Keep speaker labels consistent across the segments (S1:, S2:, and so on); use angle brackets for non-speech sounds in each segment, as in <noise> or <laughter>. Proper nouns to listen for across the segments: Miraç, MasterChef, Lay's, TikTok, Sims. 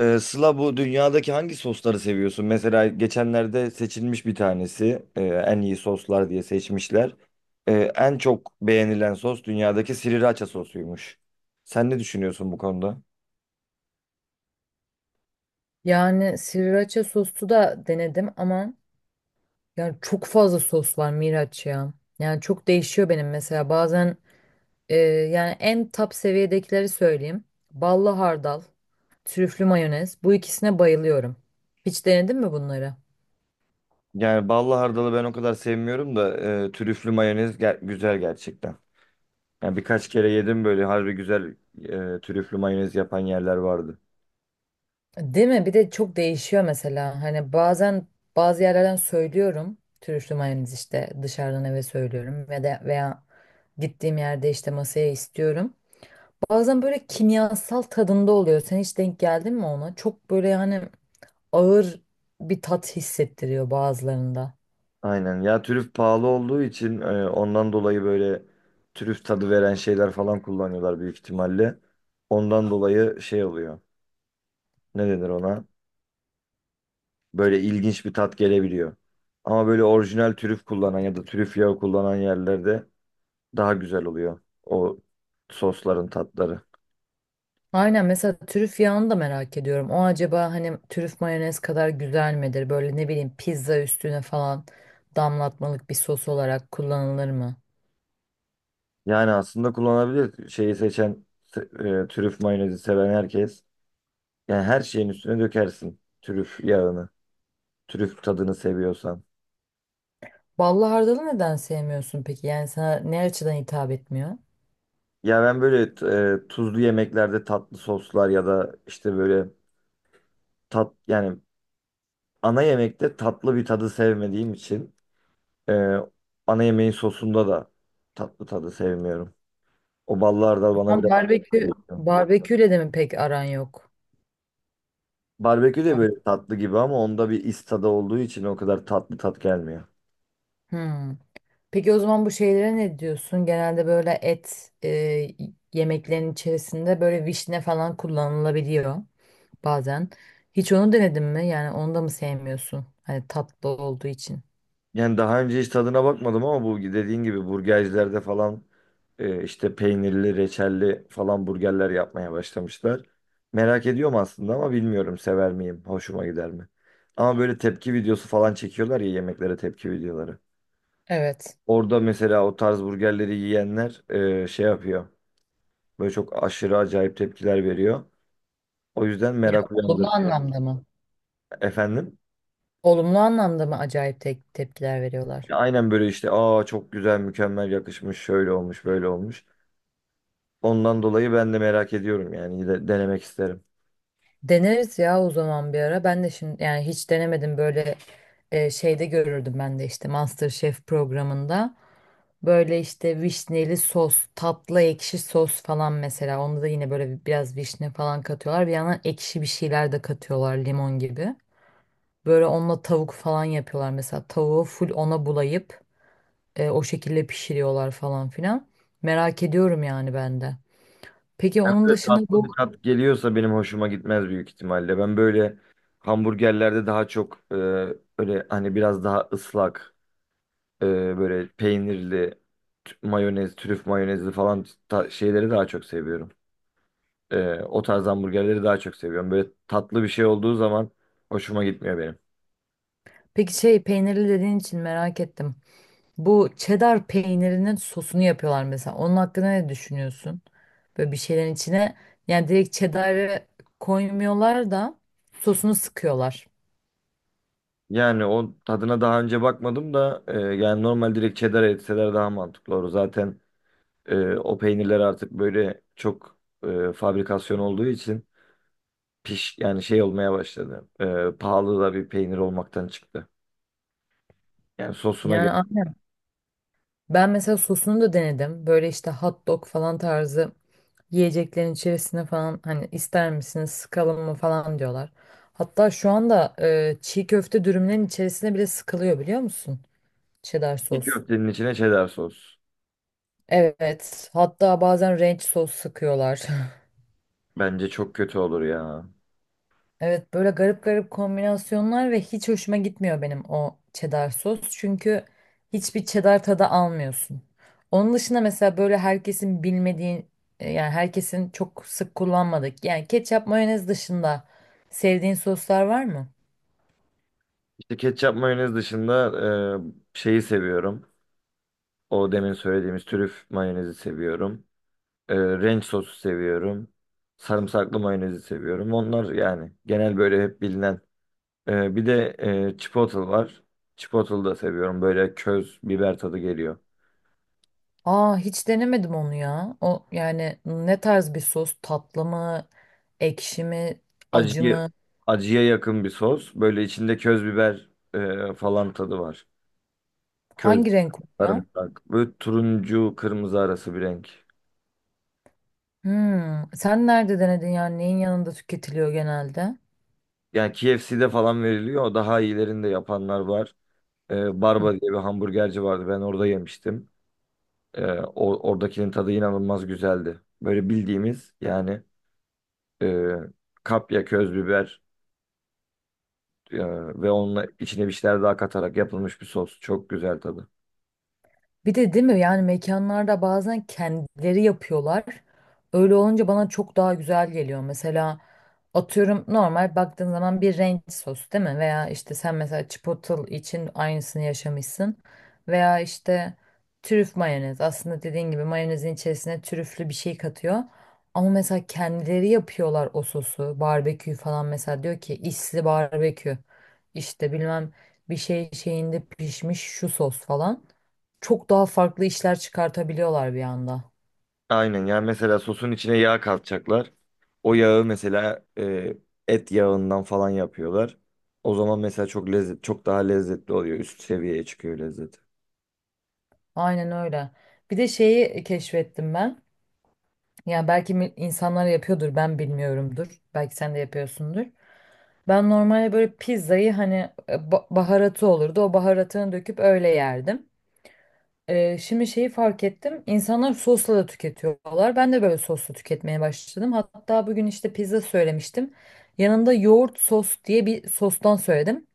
S1: Sıla, bu dünyadaki hangi sosları seviyorsun? Mesela geçenlerde seçilmiş bir tanesi, en iyi soslar diye seçmişler. En çok beğenilen sos dünyadaki sriracha sosuymuş. Sen ne düşünüyorsun bu konuda?
S2: Yani sriracha soslu da denedim ama yani çok fazla sos var Miraç ya. Yani çok değişiyor benim mesela bazen e, yani en top seviyedekileri söyleyeyim. Ballı hardal, trüflü mayonez bu ikisine bayılıyorum. Hiç denedin mi bunları?
S1: Yani ballı hardalı ben o kadar sevmiyorum da trüflü mayonez güzel gerçekten. Yani birkaç kere yedim böyle harbi güzel trüflü mayonez yapan yerler vardı.
S2: Değil mi? Bir de çok değişiyor mesela. Hani bazen bazı yerlerden söylüyorum. Trüflü mayonez işte dışarıdan eve söylüyorum ve de veya gittiğim yerde işte masaya istiyorum. Bazen böyle kimyasal tadında oluyor. Sen hiç denk geldin mi ona? Çok böyle yani ağır bir tat hissettiriyor bazılarında.
S1: Aynen ya, trüf pahalı olduğu için ondan dolayı böyle trüf tadı veren şeyler falan kullanıyorlar büyük ihtimalle. Ondan dolayı şey oluyor. Ne denir ona? Böyle ilginç bir tat gelebiliyor. Ama böyle orijinal trüf kullanan ya da trüf yağı kullanan yerlerde daha güzel oluyor o sosların tatları.
S2: Aynen, mesela trüf yağını da merak ediyorum. O acaba hani trüf mayonez kadar güzel midir? Böyle ne bileyim pizza üstüne falan damlatmalık bir sos olarak kullanılır mı?
S1: Yani aslında kullanabilir şeyi seçen, trüf mayonezi seven herkes. Yani her şeyin üstüne dökersin trüf yağını. Trüf tadını seviyorsan.
S2: Ballı hardalı neden sevmiyorsun peki? Yani sana ne açıdan hitap etmiyor?
S1: Ya ben böyle tuzlu yemeklerde tatlı soslar ya da işte böyle tat, yani ana yemekte tatlı bir tadı sevmediğim için, e, ana yemeğin sosunda da tatlı tadı sevmiyorum. O ballar da bana
S2: Ama
S1: biraz tatlı
S2: barbekü,
S1: geliyor.
S2: barbeküyle de mi pek aran yok?
S1: Barbekü de
S2: Bak-
S1: böyle tatlı gibi ama onda bir is tadı olduğu için o kadar tatlı tat gelmiyor.
S2: Hmm. Peki o zaman bu şeylere ne diyorsun? Genelde böyle et yemeklerin içerisinde böyle vişne falan kullanılabiliyor bazen. Hiç onu denedin mi? Yani onu da mı sevmiyorsun? Hani tatlı olduğu için.
S1: Yani daha önce hiç tadına bakmadım ama bu dediğin gibi burgercilerde falan işte peynirli, reçelli falan burgerler yapmaya başlamışlar. Merak ediyorum aslında ama bilmiyorum, sever miyim, hoşuma gider mi? Ama böyle tepki videosu falan çekiyorlar ya, yemeklere tepki videoları.
S2: Evet.
S1: Orada mesela o tarz burgerleri yiyenler şey yapıyor. Böyle çok aşırı acayip tepkiler veriyor. O yüzden
S2: Ya,
S1: merak
S2: olumlu
S1: uyandırıyor.
S2: anlamda mı?
S1: Efendim?
S2: Olumlu anlamda mı acayip tepkiler veriyorlar?
S1: Ya aynen, böyle işte, aa çok güzel, mükemmel yakışmış, şöyle olmuş, böyle olmuş. Ondan dolayı ben de merak ediyorum, yani denemek isterim.
S2: Deneriz ya o zaman bir ara. Ben de şimdi yani hiç denemedim böyle şeyde görürdüm ben de işte MasterChef programında. Böyle işte vişneli sos, tatlı ekşi sos falan mesela. Onda da yine böyle biraz vişne falan katıyorlar. Bir yandan ekşi bir şeyler de katıyorlar limon gibi. Böyle onunla tavuk falan yapıyorlar mesela. Tavuğu full ona bulayıp o şekilde pişiriyorlar falan filan. Merak ediyorum yani ben de. Peki
S1: Hem
S2: onun
S1: de
S2: dışında
S1: tatlı
S2: bu,
S1: bir tat geliyorsa benim hoşuma gitmez büyük ihtimalle. Ben böyle hamburgerlerde daha çok, öyle hani biraz daha ıslak, e, böyle peynirli mayonez, trüf mayonezli falan şeyleri daha çok seviyorum. O tarz hamburgerleri daha çok seviyorum. Böyle tatlı bir şey olduğu zaman hoşuma gitmiyor benim.
S2: peki şey peynirli dediğin için merak ettim. Bu cheddar peynirinin sosunu yapıyorlar mesela. Onun hakkında ne düşünüyorsun? Böyle bir şeylerin içine yani direkt cheddar'ı koymuyorlar da sosunu sıkıyorlar.
S1: Yani o tadına daha önce bakmadım da, yani normal direkt cheddar etseler daha mantıklı olur. Zaten o peynirler artık böyle çok fabrikasyon olduğu için piş, yani şey olmaya başladı. Pahalı da bir peynir olmaktan çıktı. Yani sosuna gel.
S2: Yani aynen. Ben mesela sosunu da denedim. Böyle işte hot dog falan tarzı yiyeceklerin içerisine falan hani ister misiniz sıkalım mı falan diyorlar. Hatta şu anda çiğ köfte dürümlerin içerisine bile sıkılıyor biliyor musun? Cheddar
S1: Bir
S2: sos.
S1: köftenin içine cheddar sos.
S2: Evet. Hatta bazen ranch sos sıkıyorlar.
S1: Bence çok kötü olur ya.
S2: Evet, böyle garip garip kombinasyonlar ve hiç hoşuma gitmiyor benim o cheddar sos. Çünkü hiçbir cheddar tadı almıyorsun. Onun dışında mesela böyle herkesin bilmediği yani herkesin çok sık kullanmadık. Yani ketçap mayonez dışında sevdiğin soslar var mı?
S1: İşte ketçap mayonez dışında şeyi seviyorum. O demin söylediğimiz trüf mayonezi seviyorum. Ranch sosu seviyorum. Sarımsaklı mayonezi seviyorum. Onlar yani genel böyle hep bilinen. Bir de chipotle var. Chipotle da seviyorum. Böyle köz biber tadı geliyor.
S2: Aa hiç denemedim onu ya. O yani ne tarz bir sos? Tatlı mı? Ekşi mi? Acı
S1: Acıya,
S2: mı?
S1: acıya yakın bir sos. Böyle içinde köz biber falan tadı var. Köz,
S2: Hangi renk oluyor?
S1: sarımsak. Böyle turuncu, kırmızı arası bir renk.
S2: Hmm. Sen nerede denedin, yani neyin yanında tüketiliyor genelde?
S1: Yani KFC'de falan veriliyor. Daha iyilerinde yapanlar var. Barba diye bir hamburgerci vardı. Ben orada yemiştim. Oradakinin tadı inanılmaz güzeldi. Böyle bildiğimiz, yani e, kapya, köz biber e, ve onunla içine bir şeyler daha katarak yapılmış bir sos. Çok güzel tadı.
S2: Bir de değil mi yani mekanlarda bazen kendileri yapıyorlar. Öyle olunca bana çok daha güzel geliyor. Mesela atıyorum normal baktığın zaman bir ranch sos, değil mi? Veya işte sen mesela chipotle için aynısını yaşamışsın. Veya işte trüf mayonez. Aslında dediğin gibi mayonezin içerisine trüflü bir şey katıyor. Ama mesela kendileri yapıyorlar o sosu. Barbekü falan mesela diyor ki isli barbekü. İşte bilmem bir şey şeyinde pişmiş şu sos falan, çok daha farklı işler çıkartabiliyorlar bir anda.
S1: Aynen, yani mesela sosun içine yağ katacaklar. O yağı mesela et yağından falan yapıyorlar. O zaman mesela çok lezzet, çok daha lezzetli oluyor. Üst seviyeye çıkıyor lezzeti.
S2: Aynen öyle. Bir de şeyi keşfettim ben. Yani belki insanlar yapıyordur, ben bilmiyorumdur. Belki sen de yapıyorsundur. Ben normalde böyle pizzayı hani baharatı olurdu. O baharatını döküp öyle yerdim. Şimdi şeyi fark ettim. İnsanlar sosla da tüketiyorlar. Ben de böyle sosla tüketmeye başladım. Hatta bugün işte pizza söylemiştim. Yanında yoğurt sos diye bir sostan söyledim.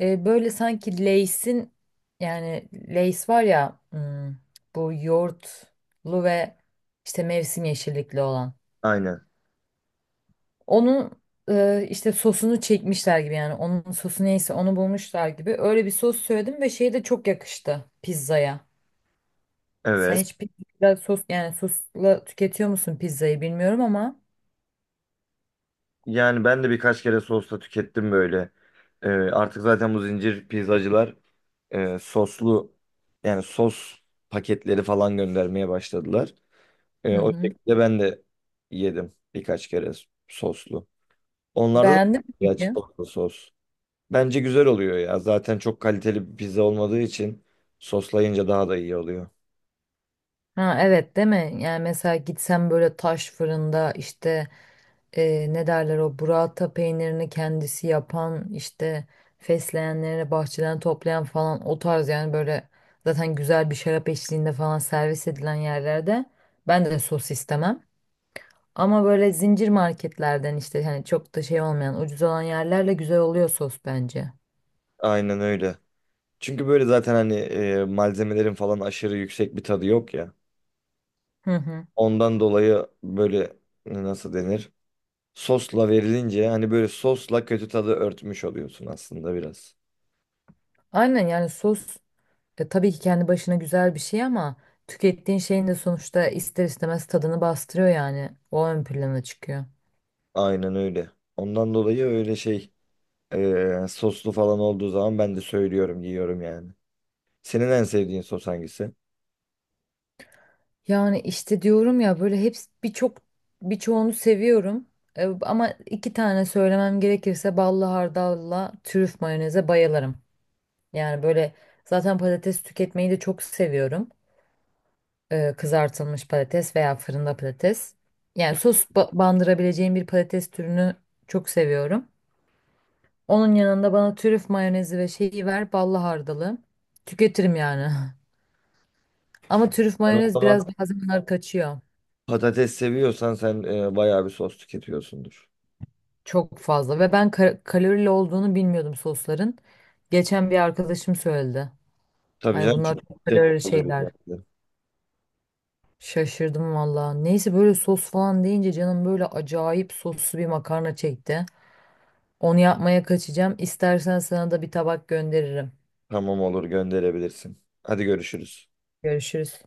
S2: Böyle sanki Lay's'in, yani Lay's var ya, bu yoğurtlu ve işte mevsim yeşillikli olan.
S1: Aynen.
S2: Onun işte sosunu çekmişler gibi, yani onun sosu neyse onu bulmuşlar gibi. Öyle bir sos söyledim ve şey de çok yakıştı pizzaya. Sen
S1: Evet.
S2: hiç pizza sos, yani sosla tüketiyor musun pizzayı, bilmiyorum ama.
S1: Yani ben de birkaç kere sosla tükettim böyle. Artık zaten bu zincir pizzacılar soslu, yani sos paketleri falan göndermeye başladılar.
S2: Hı
S1: O
S2: hı.
S1: şekilde ben de yedim birkaç kere soslu. Onlarda da
S2: Beğendin mi
S1: ya
S2: peki?
S1: çikolatalı sos. Bence güzel oluyor ya. Zaten çok kaliteli bir pizza olmadığı için soslayınca daha da iyi oluyor.
S2: Ha evet, değil mi? Yani mesela gitsem böyle taş fırında işte ne derler, o burrata peynirini kendisi yapan, işte fesleğenlerini bahçeden toplayan falan o tarz, yani böyle zaten güzel bir şarap eşliğinde falan servis edilen yerlerde ben de sos istemem. Ama böyle zincir marketlerden işte hani çok da şey olmayan, ucuz olan yerlerle güzel oluyor sos bence.
S1: Aynen öyle. Çünkü böyle zaten hani malzemelerin falan aşırı yüksek bir tadı yok ya.
S2: Hı hı.
S1: Ondan dolayı böyle, nasıl denir? Sosla verilince hani böyle sosla kötü tadı örtmüş oluyorsun aslında biraz.
S2: Aynen, yani sos tabii ki kendi başına güzel bir şey ama tükettiğin şeyin de sonuçta ister istemez tadını bastırıyor yani. O ön plana çıkıyor.
S1: Aynen öyle. Ondan dolayı öyle şey, soslu falan olduğu zaman ben de söylüyorum, yiyorum yani. Senin en sevdiğin sos hangisi?
S2: Yani işte diyorum ya, böyle hepsi, birçoğunu seviyorum. Ama iki tane söylemem gerekirse ballı hardalla trüf mayoneze bayılırım. Yani böyle zaten patates tüketmeyi de çok seviyorum. Kızartılmış patates veya fırında patates. Yani
S1: Ya.
S2: sos bandırabileceğim bir patates türünü çok seviyorum. Onun yanında bana trüf mayonezi ve şeyi ver, ballı hardalı. Tüketirim yani. <laughs> Ama trüf
S1: Ben o
S2: mayonez
S1: zaman,
S2: biraz bazen kaçıyor.
S1: patates seviyorsan sen bayağı bir sos tüketiyorsundur.
S2: Çok fazla, ve ben kalorili olduğunu bilmiyordum sosların. Geçen bir arkadaşım söyledi.
S1: Tabii
S2: Ay
S1: canım,
S2: bunlar
S1: çok
S2: çok kalorili
S1: teşekkür
S2: şeyler.
S1: ederim.
S2: Şaşırdım valla. Neyse, böyle sos falan deyince canım böyle acayip soslu bir makarna çekti. Onu yapmaya kaçacağım. İstersen sana da bir tabak gönderirim.
S1: Tamam, olur, gönderebilirsin. Hadi görüşürüz.
S2: Görüşürüz.